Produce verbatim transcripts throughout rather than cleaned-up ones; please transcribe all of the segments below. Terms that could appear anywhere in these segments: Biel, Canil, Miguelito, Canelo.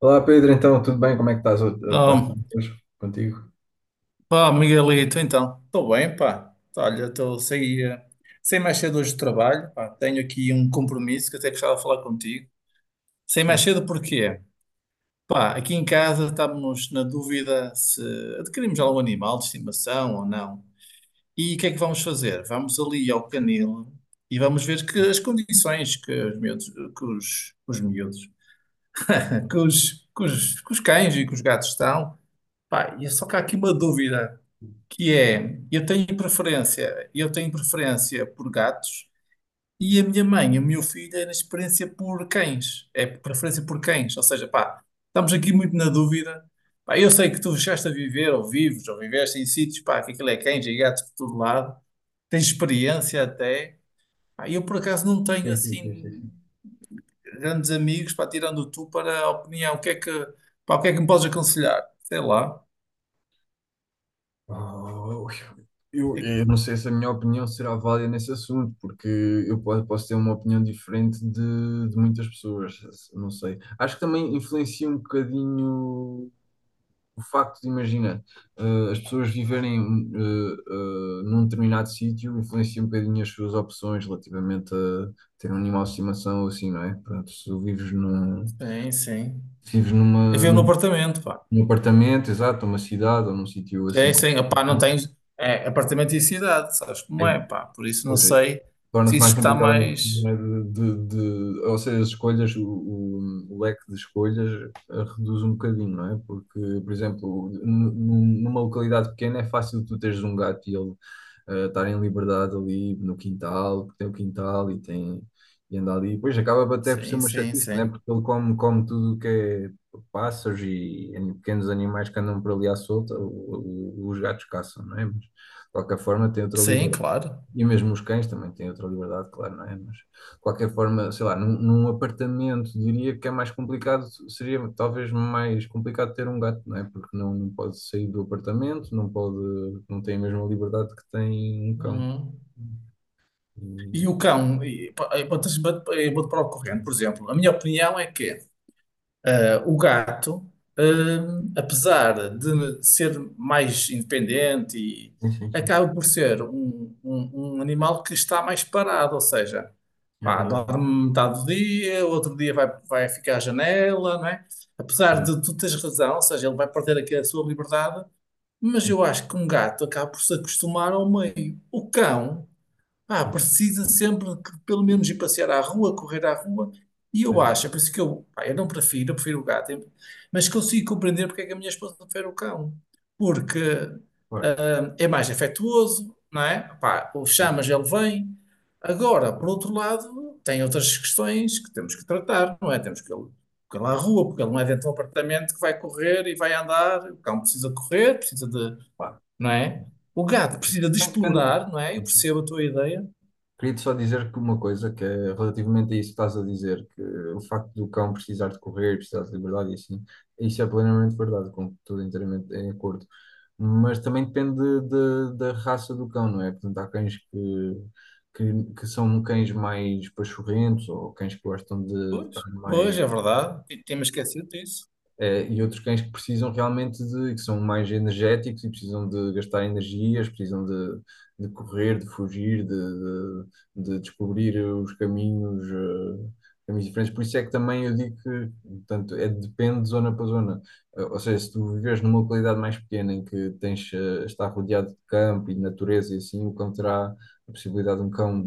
Olá Pedro, então tudo bem? Como é que estás? Está Então, tudo hoje contigo? pá, Miguelito, então, estou bem, pá. Olha, estou saí, eh, saí mais cedo hoje do trabalho, pá. Tenho aqui um compromisso que até gostava de falar contigo. Saí mais Sim. cedo porquê? Pá, aqui em casa estamos na dúvida se adquirimos algum animal de estimação ou não. E o que é que vamos fazer? Vamos ali ao canil e vamos ver que as condições que os miúdos, que os, os miúdos, que os, que os, que os cães e que os gatos estão. Pá, e é só que há aqui uma dúvida, que é, eu tenho preferência, eu tenho preferência por gatos, e a minha mãe e o meu filho é na experiência por cães, é preferência por cães, ou seja, pá, estamos aqui muito na dúvida, pá. Eu sei que tu chegaste a viver, ou vives, ou viveste em sítios, pá, que aquilo é cães e gatos por todo lado, tens experiência até, pá. Eu por acaso não tenho Sim, sim, sim, assim sim. grandes amigos, pá, tirando tu para a opinião. O que é que, pá, o que é que me podes aconselhar? Sei lá, Oh, O eu, que é que- eu não sei se a minha opinião será válida nesse assunto, porque eu posso, posso ter uma opinião diferente de, de muitas pessoas, não sei. Acho que também influencia um bocadinho o facto de, imagina, eh, as pessoas viverem eh, eh, num determinado sítio, influencia um bocadinho as suas opções relativamente a ter um animal de estimação ou assim, não é? Portanto, se tu vives num... sim, sim, Se vives eu numa, vivo no num, apartamento, pá. num apartamento, exato, numa cidade ou num sítio assim, Sim, com... sim, opá, não tens. É é apartamento e cidade, sabes como é, Aí, pá? Por isso não pois aí. sei se Torna-se mais isso está complicado às... é, mais. de, de, de- ou seja, as escolhas, o, o- o leque de escolhas eh, reduz um bocadinho, não é? Porque, por exemplo, nu- nu- numa localidade pequena é fácil tu teres um gato e ele eh, estar em liberdade ali no quintal, porque tem o quintal e tem e anda ali. Pois acaba até por ser Sim, uma sim, chatice, não é? sim. Porque ele come, come tudo o que é pássaros e an- pequenos animais que andam por ali à solta, o- o- os gatos caçam, não é? Mas de qualquer forma tem outra Sim, liberdade. claro. E mesmo os cães também têm outra liberdade, claro, não é? Mas de qualquer forma, sei lá, num, num apartamento diria que é mais complicado, seria talvez mais complicado ter um gato, não é? Porque não, não pode sair do apartamento, não pode, não tem a mesma liberdade que tem um cão. Uhum. E E... o cão, e, pá, eu botas- bot- eu vou-te para o corrente, por exemplo. A minha opinião é que o gato, hum, apesar de ser mais independente, e- Sim, sim, sim, acaba por ser um, um- um animal que está mais parado, ou seja, é pá, verdade. dorme metade do dia, outro dia vai, vai ficar à janela, não é? Pois Apesar é, de tu teres razão, ou seja, ele vai perder aqui a sua liberdade, mas sim, eu acho que um gato acaba por se acostumar ao meio. O cão ah, sim. precisa sempre que pelo menos ir passear à rua, correr à rua. E Pois eu é. acho, é por isso que eu, pá, eu não prefiro, eu prefiro o gato, eu- mas consigo compreender porque é que a minha esposa prefere o cão. Porque Claro, hum, é mais afetuoso, não é? Pá, o sim. chamas, ele vem. Agora, por outro lado, tem outras questões que temos que tratar, não é? Temos que ele, que ele à rua, porque ele não é dentro de um apartamento que vai correr e vai andar. O cão precisa correr, precisa de, Pá, não é? O gato precisa de bem, depende. explorar, não é? Eu percebo a tua ideia. Queria-te só dizer que uma coisa que é relativamente a isso que estás a dizer, que o facto do cão precisar de correr, precisar de liberdade e assim, isso é plenamente verdade, com tudo inteiramente em acordo. Mas também depende de... da raça do cão, não é? Portanto, há cães que, que, que são cães mais pachorrentos ou cães que gostam de Pois, estar pois, mais é verdade. T- Temos esquecido disso. eh, e outros cães que precisam realmente de, que são mais energéticos e precisam de gastar energias, precisam de, de correr, de fugir, de, de- de descobrir os caminhos, eh, caminhos diferentes. Por isso é que também eu digo que, portanto, é, depende de zona para zona. Eh, ou seja, se tu viveres numa localidade mais pequena em que tens, eh, está rodeado de campo e de natureza e assim, o cão terá a possibilidade de um cão,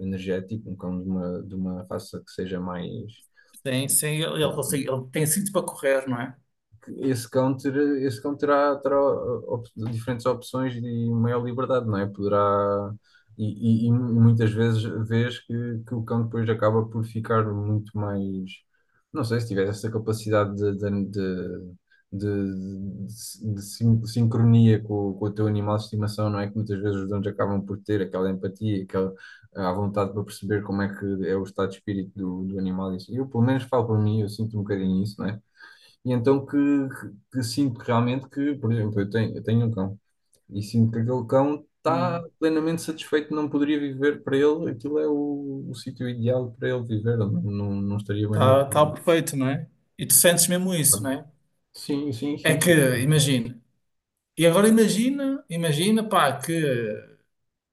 eh, energético, um cão de uma, de uma raça que seja mais... Sim, sim, ele, sei ele, lá, consegue- ele tem sítio para correr, não é? esse cão, ter, esse cão terá, terá op- diferentes opções e maior liberdade, não é? Poderá. E, e- e muitas vezes vês que, que o cão depois acaba por ficar muito mais. Não sei, se tiver essa capacidade de, de, de, de- de- de sin- sincronia com, o- com o teu animal de estimação, não é? Que muitas vezes os donos acabam por ter aquela empatia, aquela à vontade para perceber como é que é o estado de espírito do, do animal. Isso... Eu, pelo menos, falo para mim, eu sinto um bocadinho isso, não é? E então que, que, que sinto que realmente que, por exemplo, eu tenho, eu tenho um cão e sinto que aquele cão está Hum. plenamente satisfeito, não poderia viver para ele, aquilo é o, o sítio ideal para ele viver, não, não, não estaria bem no Tá, outro tá lugar. perfeito, não é? E tu sentes mesmo isso, Sabe? não é? Sim, sim, É sim, que, sim. imagina. E agora imagina, imagina, pá, que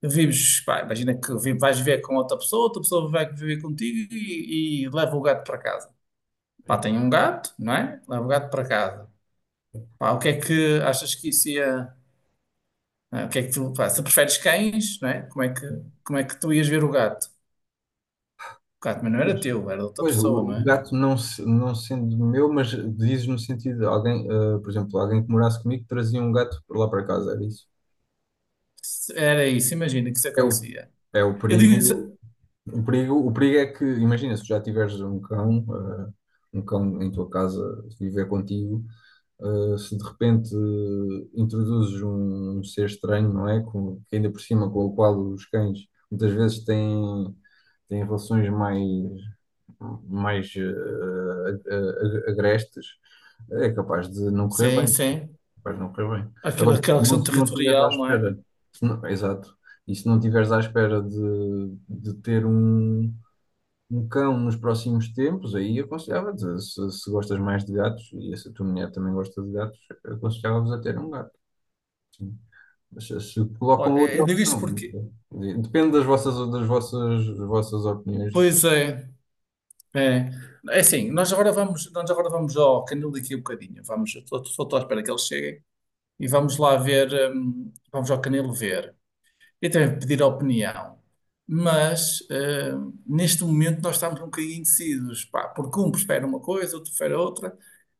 vives, pá, imagina que vi- vais viver com outra pessoa, outra pessoa vai viver contigo e, e leva o gato para casa. Pá, tem um gato, não é? Leva o gato para casa. Pá, o que é que achas que isso ia... ah, O que é que tu, pá, se preferes cães, não é? Como é que, como é que tu ias ver o gato? Claro, mas não era Pois, teu, era de outra pois, o pessoa, não o é? gato não, se- não sendo meu, mas dizes no sentido de alguém, ah, por exemplo, alguém que morasse comigo trazia um gato para lá para casa, era isso. Se- Era isso, imagina que isso É o, acontecia. é o Eu digo isso, perigo. O perigo, o perigo é que, imagina, se tu já tiveres um cão, eh, um cão em tua casa viver contigo, eh, se de repente eh, introduzes um ser estranho, não é? Com, que ainda por cima com o qual os cães muitas vezes têm, têm relações mais, mais eh, a- a- a- agrestes, é capaz de não correr sim, bem, sim, capaz de não correr bem. aquela, Agora, se aquela não, questão se não estiveres à territorial, não é? espera, se não... exato, e se não estiveres à espera de, de ter um um cão nos próximos tempos, aí aconselhava-te, se, se gostas mais de gatos, e se a tua mulher também gosta de gatos, aconselhava-vos a ter um gato. Sim. Mas se, se colocam Olha, outra eu digo opção, isto não porque, sei. Quer dizer, depende das vossas, das vossas, das vossas opiniões, pois é, é, é assim, nós agora vamos, nós agora vamos ao canil daqui a um bocadinho, vamos, eu estou estou à espera que eles cheguem, e vamos lá ver, hum, vamos ao canil ver. Eu também pedir a opinião, mas eh, neste momento nós estamos um bocadinho indecisos, pá, porque um prefere uma coisa, outro prefere outra,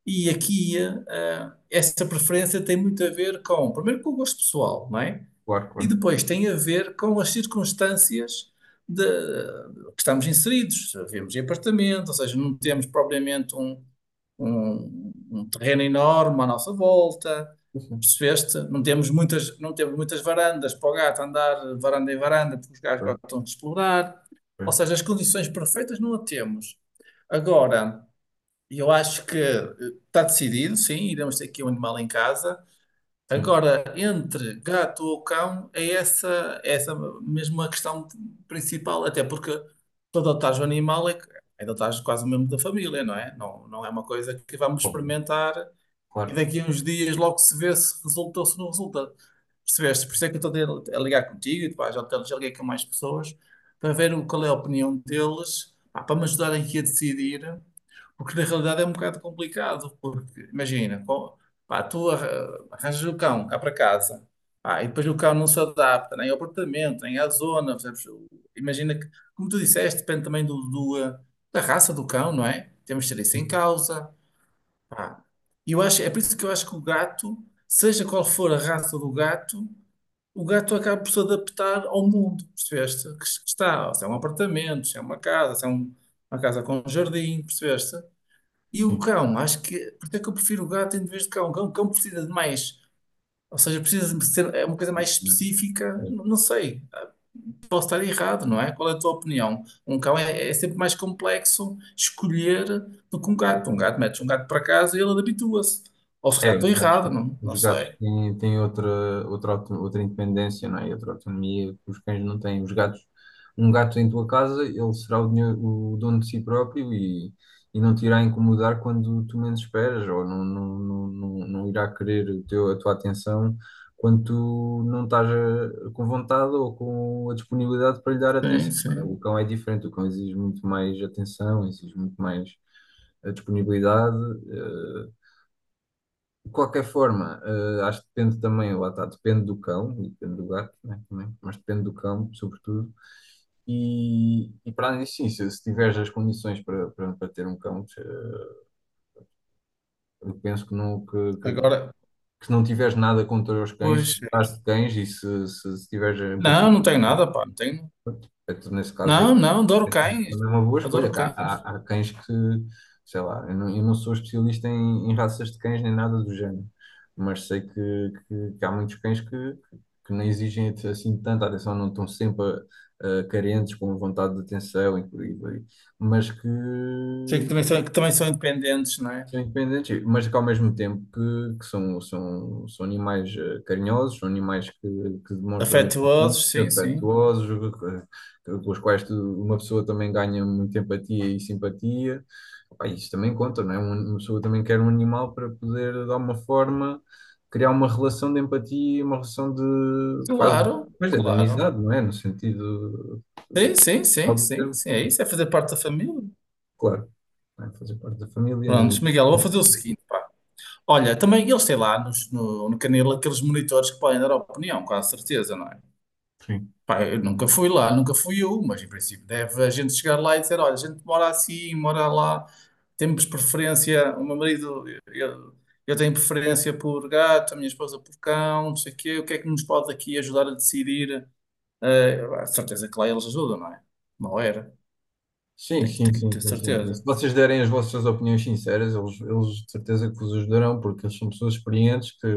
e aqui eh, essa preferência tem muito a ver com, primeiro, com o gosto pessoal, não é? claro, E claro. depois tem a ver com as circunstâncias de- que estamos inseridos. Vivemos em apartamento, ou seja, não temos propriamente um, um- um terreno enorme à nossa volta. Sim, sim, Percebeste? Não temos muitas, não temos muitas varandas para o gato andar varanda em varanda, porque os gatos claro, gostam de explorar. Ou claro, seja, as condições perfeitas não a temos. Agora, eu acho que eh, está decidido, sim, iremos ter aqui um animal em casa. sim, Agora, entre gato ou cão, é essa, é essa mesmo a questão principal, até porque tu adotares o animal é, que- é adotares quase o mesmo da família, não é? Não, não é uma coisa que vamos bom, experimentar e claro, daqui a uns dias logo se vê se resulta ou se não resulta. Percebeste? Por isso é que eu estou a a ligar contigo, e depois já, te- já liguei com mais pessoas para ver o- qual é a opinião deles, pá, para me ajudarem aqui a decidir. Porque na realidade é um bocado complicado, porque imagina, co- pá, tu arra- arranjas o cão cá para casa, pá, e depois o cão não se adapta nem ao apartamento, nem à zona, percebes? O- Imagina que, como tu disseste, depende também do, do, eh, da raça do cão, não é? Temos de ter isso em causa, pá. E eu acho, é por isso que eu acho que o gato, seja qual for a raça do gato, o gato acaba por se adaptar ao mundo, percebeste? Que, que está, se é um apartamento, se é uma casa, se é um- uma casa com um jardim, percebeste? E o cão, acho que. Por isso é que eu prefiro o gato em vez de cão. O cão, o cão precisa de mais. Ou seja, precisa de ser é uma coisa mais sim. específica. Não, não sei. Posso estar errado, não é? Qual é a tua opinião? Um cão é, é sempre mais complexo escolher do que um gato. Um gato, metes um gato para casa e ele habitua-se. Ou se É, calhar estou os gatos, errado, não, não os sei. gatos têm, têm outra, outra, auto- outra independência, não é? E outra autonomia que os cães não têm. Os gatos, um gato em tua casa, ele será o, dinhe- o dono de si próprio e, e não te irá incomodar quando tu menos esperas, ou não, não, não, não, não irá querer o teu, a tua atenção quando tu não estás a- com vontade ou com a disponibilidade para lhe dar Sim, atenção, não é? O sim. cão é diferente, o cão exige muito mais atenção, exige muito mais a disponibilidade. eh, de qualquer forma, eh, acho que depende também, lá está, depende do cão e depende do gato, né, também, mas depende do cão, sobretudo. E, e para além disso, sim, se, se tiveres as condições para, para, para ter um cão, eh, eu penso que não, que, que, Agora, que se não tiveres nada contra os cães, se pois, é gostares isso. de cães e se, se, se tiveres Não, empatia. não tenho nada, pá. Não tenho. Portanto, nesse caso, Não, eu... não, adoro é sempre cães. também uma boa Adoro escolha. Que há, cães. há, há cães que, sei lá, eu não, eu não sou especialista em, em raças de cães nem nada do género, mas sei que, que, que há muitos cães que, que não exigem assim tanta atenção, não estão sempre ah, carentes, com vontade de atenção e por aí vai. Mas que Sim, que também são, que também são independentes, não é? são independentes, mas que ao mesmo tempo que, que são, são, são animais eh, carinhosos, são animais que, que demonstram empatia, Afetuosos, sim, sim. afetuosos, que- que- com os quais tu- uma pessoa também ganha muita empatia e simpatia. Pá, isso também conta, não é? Um... uma pessoa também quer um animal para poder, de alguma forma, criar uma relação de empatia, uma relação de quase, Claro, mas é de claro. amizade, não é? No sentido eh, Sim, sim, geral sim, do sim, termo, sim. É isso, é fazer parte da família. claro, não é? Fazer parte da família Prontos, e... Miguel, eu vou fazer o seguinte, pá. Olha, também eles têm lá nos- no, no Canelo aqueles monitores que podem dar opinião, com a certeza, não é? Sim. Pá, eu nunca fui lá, nunca fui eu, mas em princípio deve a gente chegar lá e dizer, olha, a gente mora assim, mora lá, temos preferência, o meu marido, eu, eu tenho preferência por gato, a minha esposa por cão, não sei o quê, o que é que nos pode aqui ajudar a decidir? Eh, a certeza que lá eles ajudam, não é? Não era. Sim, Tem que, sim, tem que sim, ter sim, sim, sim. Se certeza. vocês derem as vossas opiniões sinceras, eles, eles de certeza que vos ajudarão, porque eles são pessoas experientes que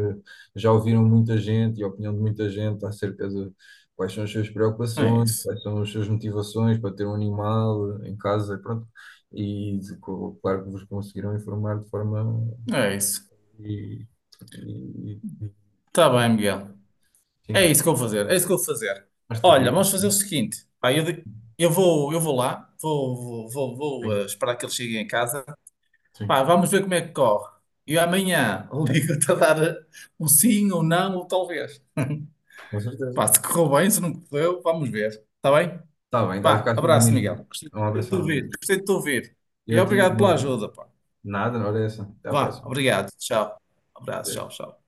já ouviram muita gente e a opinião de muita gente acerca de quais são as suas É preocupações, isso. quais são as suas motivações para ter um animal em casa, pronto. E de- co- claro que vos conseguirão informar de forma É isso. e, e, e- Tá e- bem, Miguel. É sim, isso que eu vou fazer. É isso que eu vou fazer. mais Olha, devido. vamos fazer o seguinte. Pá, eu, de- eu vou, eu vou lá. Vou, vou, vou, vou, Sim, eh, esperar que eles cheguem em casa. Pá, sim, vamos ver como é que corre. E amanhã ligo-te a dar eh, um sim ou não, ou talvez. com certeza. Pá, se correu bem, se não correu, vamos ver. Tá bem? Está bem, está a ficar Pá, aqui abraço, Miguel. combinado. Gostei Um de te abração, ouvir. adeus. Gostei de te ouvir. E E eu tive obrigado um pela abraço. ajuda, pá. Nada, olha essa. Até a Vá, próxima. obrigado. Tchau. Abraço, tchau, tchau.